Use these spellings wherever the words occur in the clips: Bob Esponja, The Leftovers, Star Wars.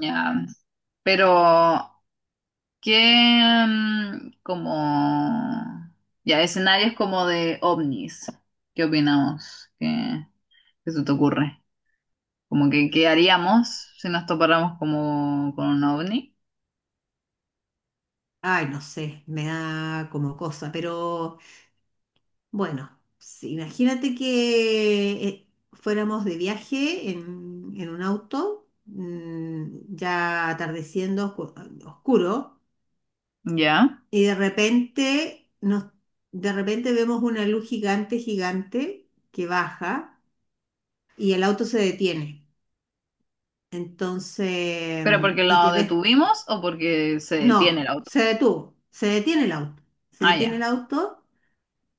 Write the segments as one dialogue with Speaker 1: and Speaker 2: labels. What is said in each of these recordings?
Speaker 1: Ya. Pero, ¿qué como ya escenarios como de ovnis? ¿Qué opinamos? ¿Qué, qué se te ocurre? Como que, ¿qué haríamos si nos topáramos como con un ovni?
Speaker 2: Ay, no sé, me da como cosa, pero bueno, sí, imagínate que fuéramos de viaje en un auto, ya atardeciendo, oscuro,
Speaker 1: ¿Ya?
Speaker 2: y de repente, vemos una luz gigante, gigante, que baja y el auto se detiene. Entonces,
Speaker 1: ¿Pero porque
Speaker 2: y
Speaker 1: lo
Speaker 2: te ves,
Speaker 1: detuvimos o porque se detiene
Speaker 2: no,
Speaker 1: el auto?
Speaker 2: se detuvo, se detiene el auto, se
Speaker 1: Ah,
Speaker 2: detiene el
Speaker 1: ya.
Speaker 2: auto.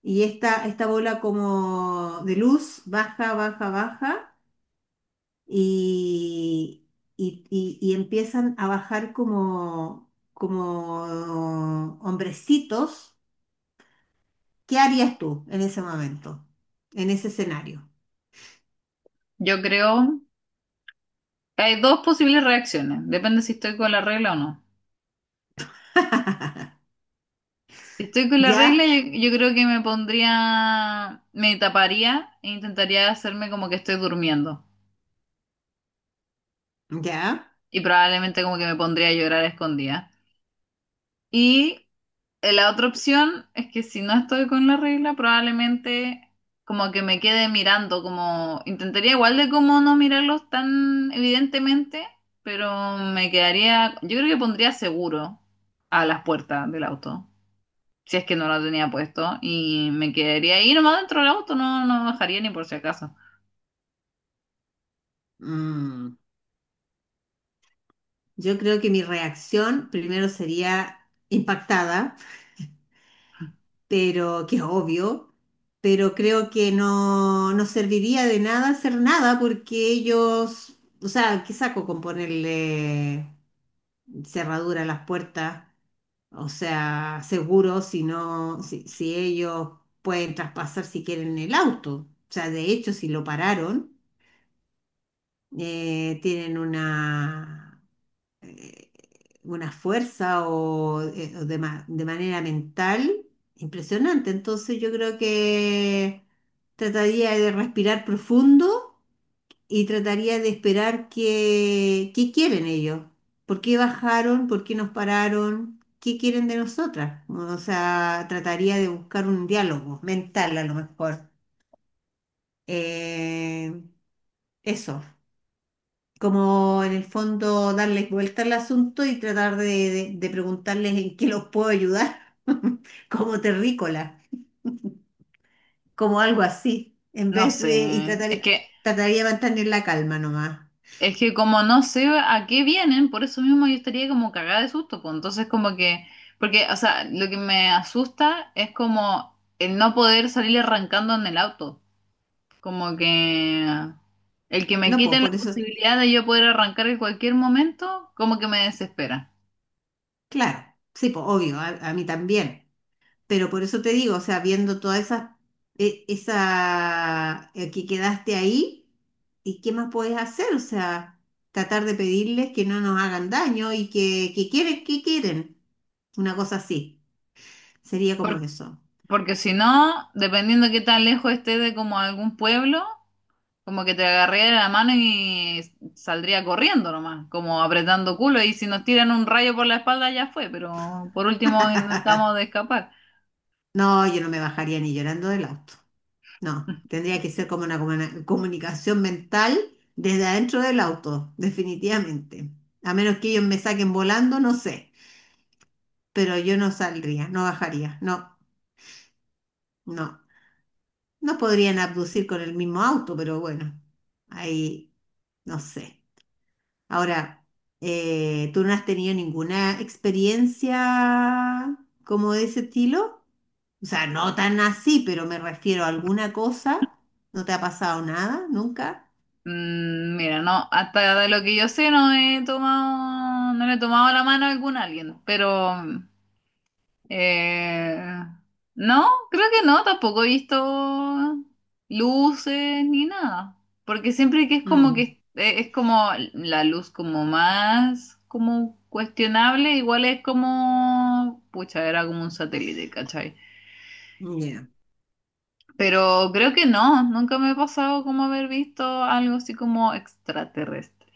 Speaker 2: Y esta bola como de luz baja, baja, baja y, y empiezan a bajar como hombrecitos. ¿Qué harías tú en ese momento, en ese escenario?
Speaker 1: Yo creo que hay dos posibles reacciones. Depende si estoy con la regla o no. Estoy con la regla,
Speaker 2: ¿Ya?
Speaker 1: yo creo que me pondría, me taparía e intentaría hacerme como que estoy durmiendo.
Speaker 2: ¿Ya?
Speaker 1: Y probablemente como que me pondría a llorar a escondida. Y la otra opción es que si no estoy con la regla, probablemente como que me quede mirando, como intentaría igual de como no mirarlos tan evidentemente, pero me quedaría, yo creo que pondría seguro a las puertas del auto, si es que no lo tenía puesto, y me quedaría ahí nomás dentro del auto, no, no bajaría ni por si acaso.
Speaker 2: Mm. Yo creo que mi reacción primero sería impactada, pero que es obvio, pero creo que no, no serviría de nada hacer nada porque ellos, o sea, ¿qué saco con ponerle cerradura a las puertas? O sea, seguro si no, si ellos pueden traspasar si quieren el auto. O sea, de hecho, si lo pararon, tienen una, eh, una fuerza o, o de manera mental impresionante. Entonces yo creo que trataría de respirar profundo y trataría de esperar qué quieren ellos, por qué bajaron, por qué nos pararon, qué quieren de nosotras. O sea, trataría de buscar un diálogo mental a lo mejor. Eh, eso, como en el fondo darles vuelta al asunto y tratar de preguntarles en qué los puedo ayudar, como terrícola, como algo así, en
Speaker 1: No
Speaker 2: vez
Speaker 1: sé,
Speaker 2: de, y
Speaker 1: es
Speaker 2: tratar,
Speaker 1: que,
Speaker 2: trataría de mantener la calma nomás.
Speaker 1: es que como no sé a qué vienen, por eso mismo yo estaría como cagada de susto, pues entonces como que, porque, o sea, lo que me asusta es como el no poder salir arrancando en el auto, como que el que me
Speaker 2: No, pues
Speaker 1: quiten la
Speaker 2: por eso,
Speaker 1: posibilidad de yo poder arrancar en cualquier momento, como que me desespera.
Speaker 2: claro, sí, pues obvio, a mí también. Pero por eso te digo, o sea, viendo toda esa, que quedaste ahí, ¿y qué más puedes hacer? O sea, tratar de pedirles que no nos hagan daño y que quieren, que quieren. Una cosa así. Sería como eso.
Speaker 1: Porque si no, dependiendo qué tan lejos esté de como algún pueblo, como que te agarraría la mano y saldría corriendo nomás, como apretando culo. Y si nos tiran un rayo por la espalda ya fue, pero por último intentamos de escapar.
Speaker 2: No, yo no me bajaría ni llorando del auto. No, tendría que ser como una comunicación mental desde adentro del auto, definitivamente. A menos que ellos me saquen volando, no sé. Pero yo no saldría, no bajaría. No, no. No podrían abducir con el mismo auto, pero bueno, ahí no sé. Ahora, ¿tú no has tenido ninguna experiencia como de ese estilo? O sea, no tan así, pero me refiero a alguna cosa. ¿No te ha pasado nada? ¿Nunca?
Speaker 1: Mm, mira, no, hasta de lo que yo sé no he tomado, no le he tomado la mano a algún alguien, pero Eh, no, creo que no, tampoco he visto luces ni nada, porque siempre
Speaker 2: Mm,
Speaker 1: que es como la luz como más como cuestionable, igual es como, pucha, era como un satélite, ¿cachai?
Speaker 2: ya.
Speaker 1: Pero creo que no, nunca me ha pasado como haber visto algo así como extraterrestre.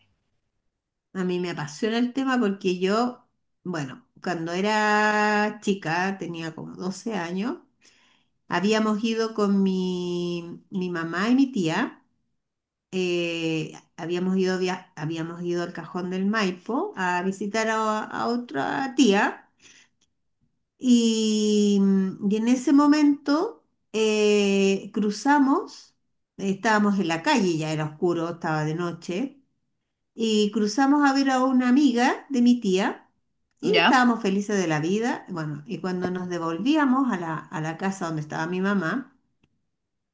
Speaker 2: A mí me apasiona el tema porque yo, bueno, cuando era chica, tenía como 12 años, habíamos ido con mi mamá y mi tía. Habíamos ido al Cajón del Maipo a visitar a otra tía y, y en ese momento cruzamos, estábamos en la calle, ya era oscuro, estaba de noche, y cruzamos a ver a una amiga de mi tía y
Speaker 1: ¿Ya?
Speaker 2: estábamos felices de la vida. Bueno, y cuando nos devolvíamos a la casa donde estaba mi mamá,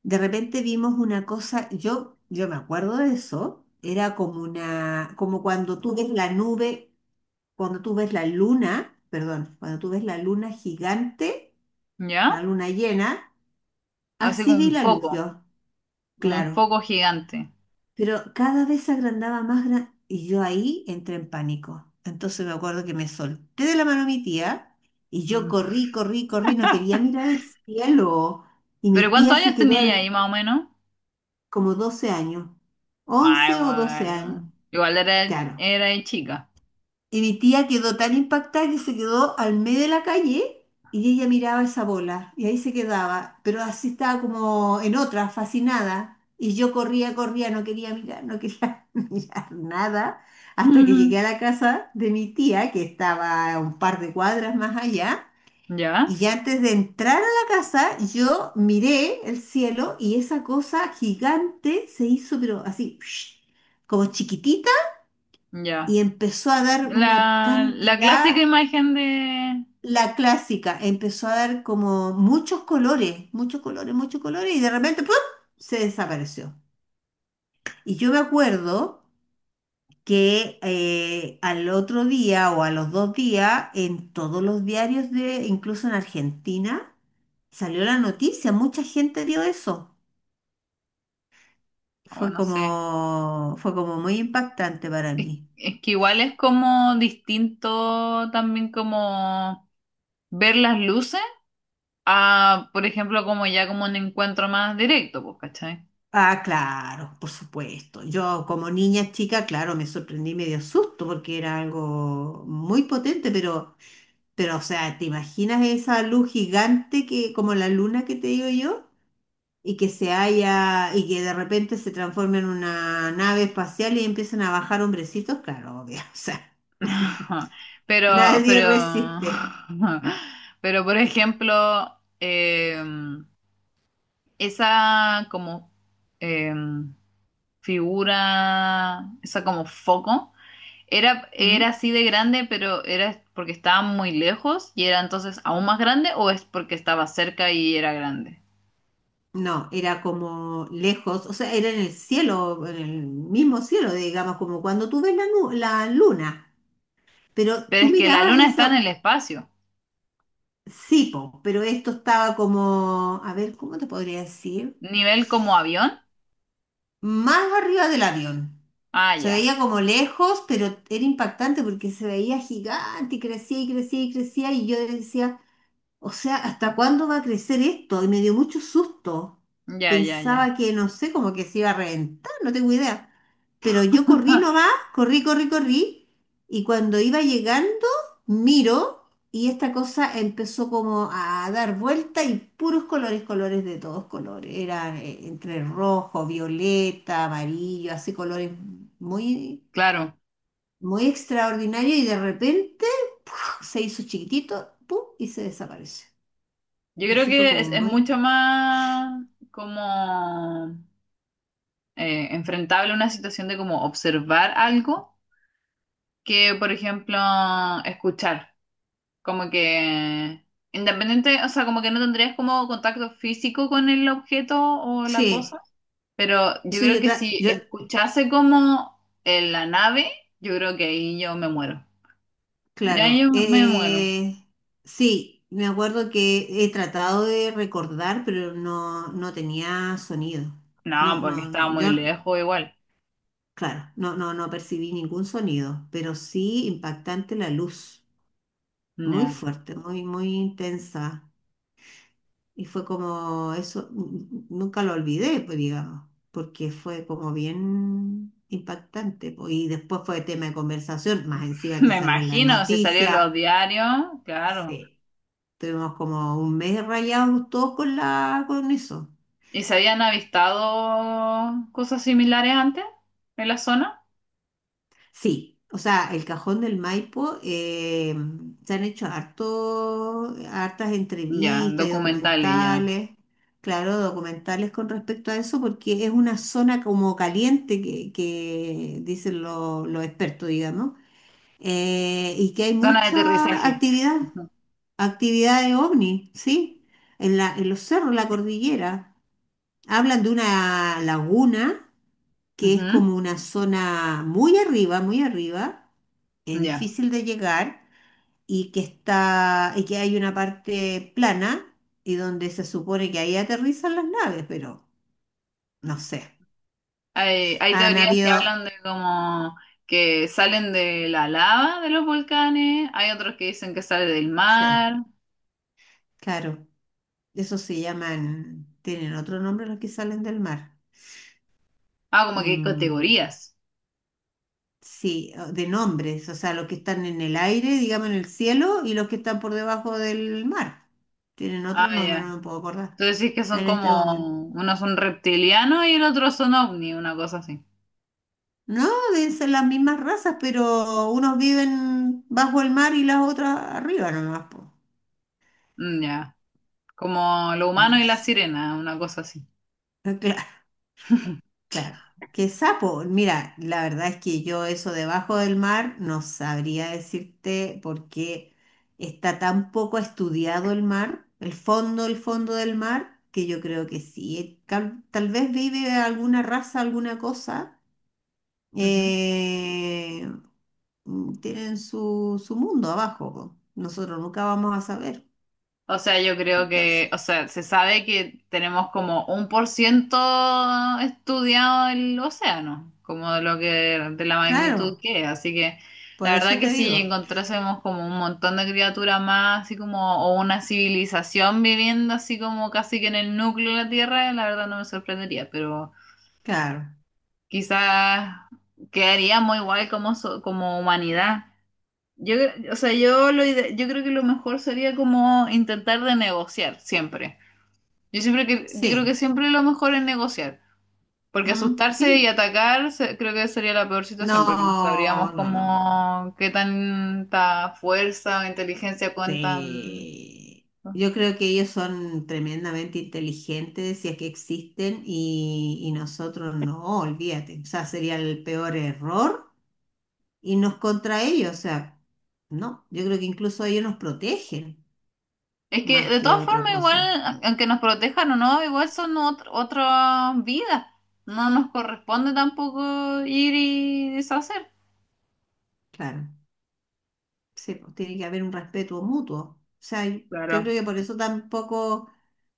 Speaker 2: de repente vimos una cosa, yo me acuerdo de eso, era como una, como cuando tú ves la nube, cuando tú ves la luna, perdón, cuando tú ves la luna gigante, la
Speaker 1: ¿Ya?
Speaker 2: luna llena,
Speaker 1: Así
Speaker 2: así vi la luz yo,
Speaker 1: como un
Speaker 2: claro,
Speaker 1: foco gigante.
Speaker 2: pero cada vez se agrandaba y yo ahí entré en pánico. Entonces me acuerdo que me solté de la mano a mi tía y yo
Speaker 1: Mm.
Speaker 2: corrí, corrí, corrí, no quería mirar el cielo y
Speaker 1: ¿Pero
Speaker 2: mi
Speaker 1: cuántos
Speaker 2: tía se
Speaker 1: años
Speaker 2: quedó
Speaker 1: tenía ahí
Speaker 2: al,
Speaker 1: más o menos?
Speaker 2: como 12 años,
Speaker 1: Ah,
Speaker 2: 11 o 12
Speaker 1: igual.
Speaker 2: años,
Speaker 1: Igual era,
Speaker 2: claro.
Speaker 1: era de chica.
Speaker 2: Y mi tía quedó tan impactada que se quedó al medio de la calle y ella miraba esa bola y ahí se quedaba, pero así estaba como en otra, fascinada. Y yo corría, corría, no quería mirar, no quería mirar nada, hasta que
Speaker 1: Ujú.
Speaker 2: llegué a la casa de mi tía, que estaba a un par de cuadras más allá. Y
Speaker 1: Ya,
Speaker 2: ya antes de entrar a la casa, yo miré el cielo y esa cosa gigante se hizo, pero así, como chiquitita,
Speaker 1: ya.
Speaker 2: y empezó a dar una
Speaker 1: La
Speaker 2: cantidad,
Speaker 1: clásica imagen de.
Speaker 2: la clásica, empezó a dar como muchos colores, muchos colores, muchos colores, y de repente, ¡pum!, se desapareció. Y yo me acuerdo que al otro día o a los 2 días, en todos los diarios de, incluso en Argentina, salió la noticia, mucha gente vio eso.
Speaker 1: Oh,
Speaker 2: Fue
Speaker 1: no sé.
Speaker 2: como, fue como muy impactante para mí.
Speaker 1: Es que igual es como distinto también como ver las luces a, por ejemplo, como ya como un encuentro más directo, pues, ¿cachai?
Speaker 2: Ah, claro, por supuesto. Yo como niña chica, claro, me sorprendí medio susto porque era algo muy potente, pero, o sea, ¿te imaginas esa luz gigante que, como la luna que te digo yo? Y que se haya, y que de repente se transforme en una nave espacial y empiezan a bajar hombrecitos, claro, obvio, o sea,
Speaker 1: Pero,
Speaker 2: nadie
Speaker 1: pero,
Speaker 2: resiste.
Speaker 1: pero, por ejemplo, esa como. em, figura, esa como foco, era, era
Speaker 2: ¿Mm?
Speaker 1: así de grande, pero era porque estaba muy lejos y era entonces aún más grande o es porque estaba cerca y era grande.
Speaker 2: No, era como lejos, o sea, era en el cielo, en el mismo cielo, digamos, como cuando tú ves la luna, pero
Speaker 1: Pero
Speaker 2: tú
Speaker 1: es que la
Speaker 2: mirabas
Speaker 1: luna está en
Speaker 2: eso,
Speaker 1: el espacio,
Speaker 2: sí, po, pero esto estaba como, a ver, ¿cómo te podría decir?
Speaker 1: nivel como avión.
Speaker 2: Más arriba del avión.
Speaker 1: Ah,
Speaker 2: Se
Speaker 1: ya,
Speaker 2: veía como lejos, pero era impactante porque se veía gigante y crecía y crecía y crecía y yo decía, o sea, ¿hasta cuándo va a crecer esto? Y me dio mucho susto.
Speaker 1: ya, ya,
Speaker 2: Pensaba
Speaker 1: ya.
Speaker 2: que, no sé, como que se iba a reventar, no tengo idea. Pero yo corrí nomás, corrí, corrí, corrí y cuando iba llegando, miro y esta cosa empezó como a dar vuelta y puros colores, colores de todos colores. Era, entre rojo, violeta, amarillo, así colores muy
Speaker 1: Claro,
Speaker 2: muy extraordinario y de repente ¡puf! Se hizo chiquitito, ¡pum! Y se desapareció.
Speaker 1: yo creo
Speaker 2: Así fue
Speaker 1: que
Speaker 2: como
Speaker 1: es
Speaker 2: muy...
Speaker 1: mucho más como enfrentable una situación de como observar algo que, por ejemplo, escuchar. Como que independiente, o sea, como que no tendrías como contacto físico con el objeto o la cosa,
Speaker 2: Sí,
Speaker 1: pero yo
Speaker 2: eso yo,
Speaker 1: creo que
Speaker 2: tra-
Speaker 1: si
Speaker 2: yo
Speaker 1: escuchase como en la nave, yo creo que ahí yo me muero. Ya
Speaker 2: claro,
Speaker 1: yo me muero.
Speaker 2: sí, me acuerdo que he tratado de recordar, pero no, no tenía sonido.
Speaker 1: No,
Speaker 2: No,
Speaker 1: porque
Speaker 2: no,
Speaker 1: estaba
Speaker 2: no, yo,
Speaker 1: muy lejos igual.
Speaker 2: claro, no, no, no percibí ningún sonido, pero sí impactante la luz, muy
Speaker 1: Ya.
Speaker 2: fuerte, muy, muy intensa. Y fue como eso, nunca lo olvidé, pues digamos, porque fue como bien impactante, pues. Y después fue tema de conversación, más encima que
Speaker 1: Me
Speaker 2: salió en las
Speaker 1: imagino si salieron
Speaker 2: noticias.
Speaker 1: los diarios, claro.
Speaker 2: Sí, tuvimos como un mes rayados todos con con eso.
Speaker 1: ¿Y se habían avistado cosas similares antes en la zona?
Speaker 2: Sí, o sea, el Cajón del Maipo, se han hecho harto, hartas
Speaker 1: Ya,
Speaker 2: entrevistas y
Speaker 1: documentales ya.
Speaker 2: documentales, claro, documentales con respecto a eso, porque es una zona como caliente que dicen los expertos, digamos, y que hay
Speaker 1: Zona de
Speaker 2: mucha
Speaker 1: aterrizaje.
Speaker 2: actividad, actividad de ovni, ¿sí? En la, en los cerros, la cordillera. Hablan de una laguna que es
Speaker 1: Ujú.
Speaker 2: como una zona muy arriba, muy arriba,
Speaker 1: Ya.
Speaker 2: difícil de llegar y que está, y que hay una parte plana y donde se supone que ahí aterrizan las naves, pero no sé.
Speaker 1: Hay
Speaker 2: Han
Speaker 1: teorías que
Speaker 2: habido,
Speaker 1: hablan de como que salen de la lava de los volcanes, hay otros que dicen que sale del
Speaker 2: sí,
Speaker 1: mar.
Speaker 2: claro, eso se llaman, tienen otro nombre los que salen del mar.
Speaker 1: Ah, como que hay
Speaker 2: Mm,
Speaker 1: categorías.
Speaker 2: sí, de nombres, o sea, los que están en el aire, digamos en el cielo, y los que están por debajo del mar. Tienen
Speaker 1: Ah,
Speaker 2: otro nombre,
Speaker 1: ya.
Speaker 2: no me puedo acordar
Speaker 1: Tú decís que son
Speaker 2: en este momento.
Speaker 1: como, unos son reptilianos y el otro son ovni, una cosa así.
Speaker 2: No, deben ser las mismas razas, pero unos viven bajo el mar y las otras arriba nomás, po.
Speaker 1: Mm, ya. Como lo humano
Speaker 2: No
Speaker 1: y la
Speaker 2: sé.
Speaker 1: sirena, una cosa así.
Speaker 2: Ah, claro, claro. ¿Qué sapo? Mira, la verdad es que yo eso debajo del mar no sabría decirte por qué está tan poco estudiado el mar, el fondo del mar, que yo creo que sí. Tal vez vive alguna raza, alguna cosa,
Speaker 1: Ujú.
Speaker 2: eh, tienen su mundo abajo, po. Nosotros nunca vamos a saber.
Speaker 1: O sea, yo creo que,
Speaker 2: Entonces,
Speaker 1: o sea, se sabe que tenemos como un por ciento estudiado el océano, como de lo que, de la magnitud
Speaker 2: claro,
Speaker 1: que es. Así que la
Speaker 2: por eso
Speaker 1: verdad que
Speaker 2: te
Speaker 1: si
Speaker 2: digo,
Speaker 1: encontrásemos como un montón de criaturas más, así como, o una civilización viviendo así como casi que en el núcleo de la Tierra, la verdad no me sorprendería, pero
Speaker 2: claro,
Speaker 1: quizás quedaríamos igual como, so- como humanidad. Yo, cre- o sea, yo, lo, ide- yo creo que lo mejor sería como intentar de negociar siempre. Yo siempre que, yo creo que
Speaker 2: sí,
Speaker 1: siempre lo mejor es negociar, porque
Speaker 2: mm,
Speaker 1: asustarse y
Speaker 2: sí,
Speaker 1: atacar se- creo que sería la peor situación, porque no sabríamos
Speaker 2: no, no, no, no,
Speaker 1: cómo, qué tanta fuerza o inteligencia cuentan.
Speaker 2: sí.
Speaker 1: ¿No?
Speaker 2: Yo creo que ellos son tremendamente inteligentes, si es que existen, y nosotros no, olvídate. O sea, sería el peor error irnos contra ellos. O sea, no, yo creo que incluso ellos nos protegen,
Speaker 1: Es que
Speaker 2: más
Speaker 1: de
Speaker 2: que
Speaker 1: todas
Speaker 2: otra
Speaker 1: formas igual,
Speaker 2: cosa.
Speaker 1: a- aunque nos protejan o no, igual son ot- otras vidas. No nos corresponde tampoco ir y deshacer.
Speaker 2: Claro, sí, pues, tiene que haber un respeto mutuo. O sea, yo creo
Speaker 1: Claro.
Speaker 2: que por eso tampoco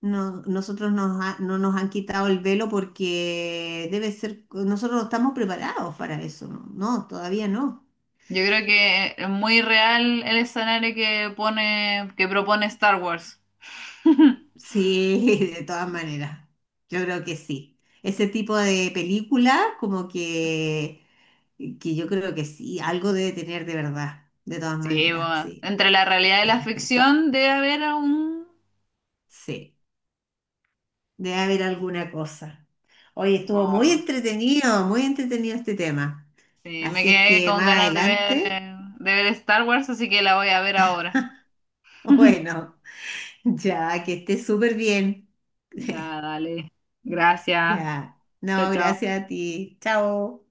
Speaker 2: nosotros no nos han quitado el velo porque debe ser, nosotros no estamos preparados para eso, ¿no? No, todavía no.
Speaker 1: Yo creo que es muy real el escenario que pone, que propone Star Wars.
Speaker 2: Sí, de todas maneras, yo creo que sí. Ese tipo de película, como que yo creo que sí, algo debe tener de verdad, de todas
Speaker 1: Sí,
Speaker 2: maneras,
Speaker 1: bueno,
Speaker 2: sí,
Speaker 1: entre la realidad y la ficción debe haber aún...
Speaker 2: sí. Debe haber alguna cosa. Hoy estuvo
Speaker 1: Oh,
Speaker 2: muy entretenido este tema.
Speaker 1: sí, me
Speaker 2: Así es
Speaker 1: quedé
Speaker 2: que
Speaker 1: con
Speaker 2: más
Speaker 1: ganas
Speaker 2: adelante,
Speaker 1: de ver Star Wars, así que la voy a ver ahora.
Speaker 2: bueno, ya que estés súper bien.
Speaker 1: Ya, dale. Gracias.
Speaker 2: Ya.
Speaker 1: Chao,
Speaker 2: No,
Speaker 1: chao.
Speaker 2: gracias a ti. Chao.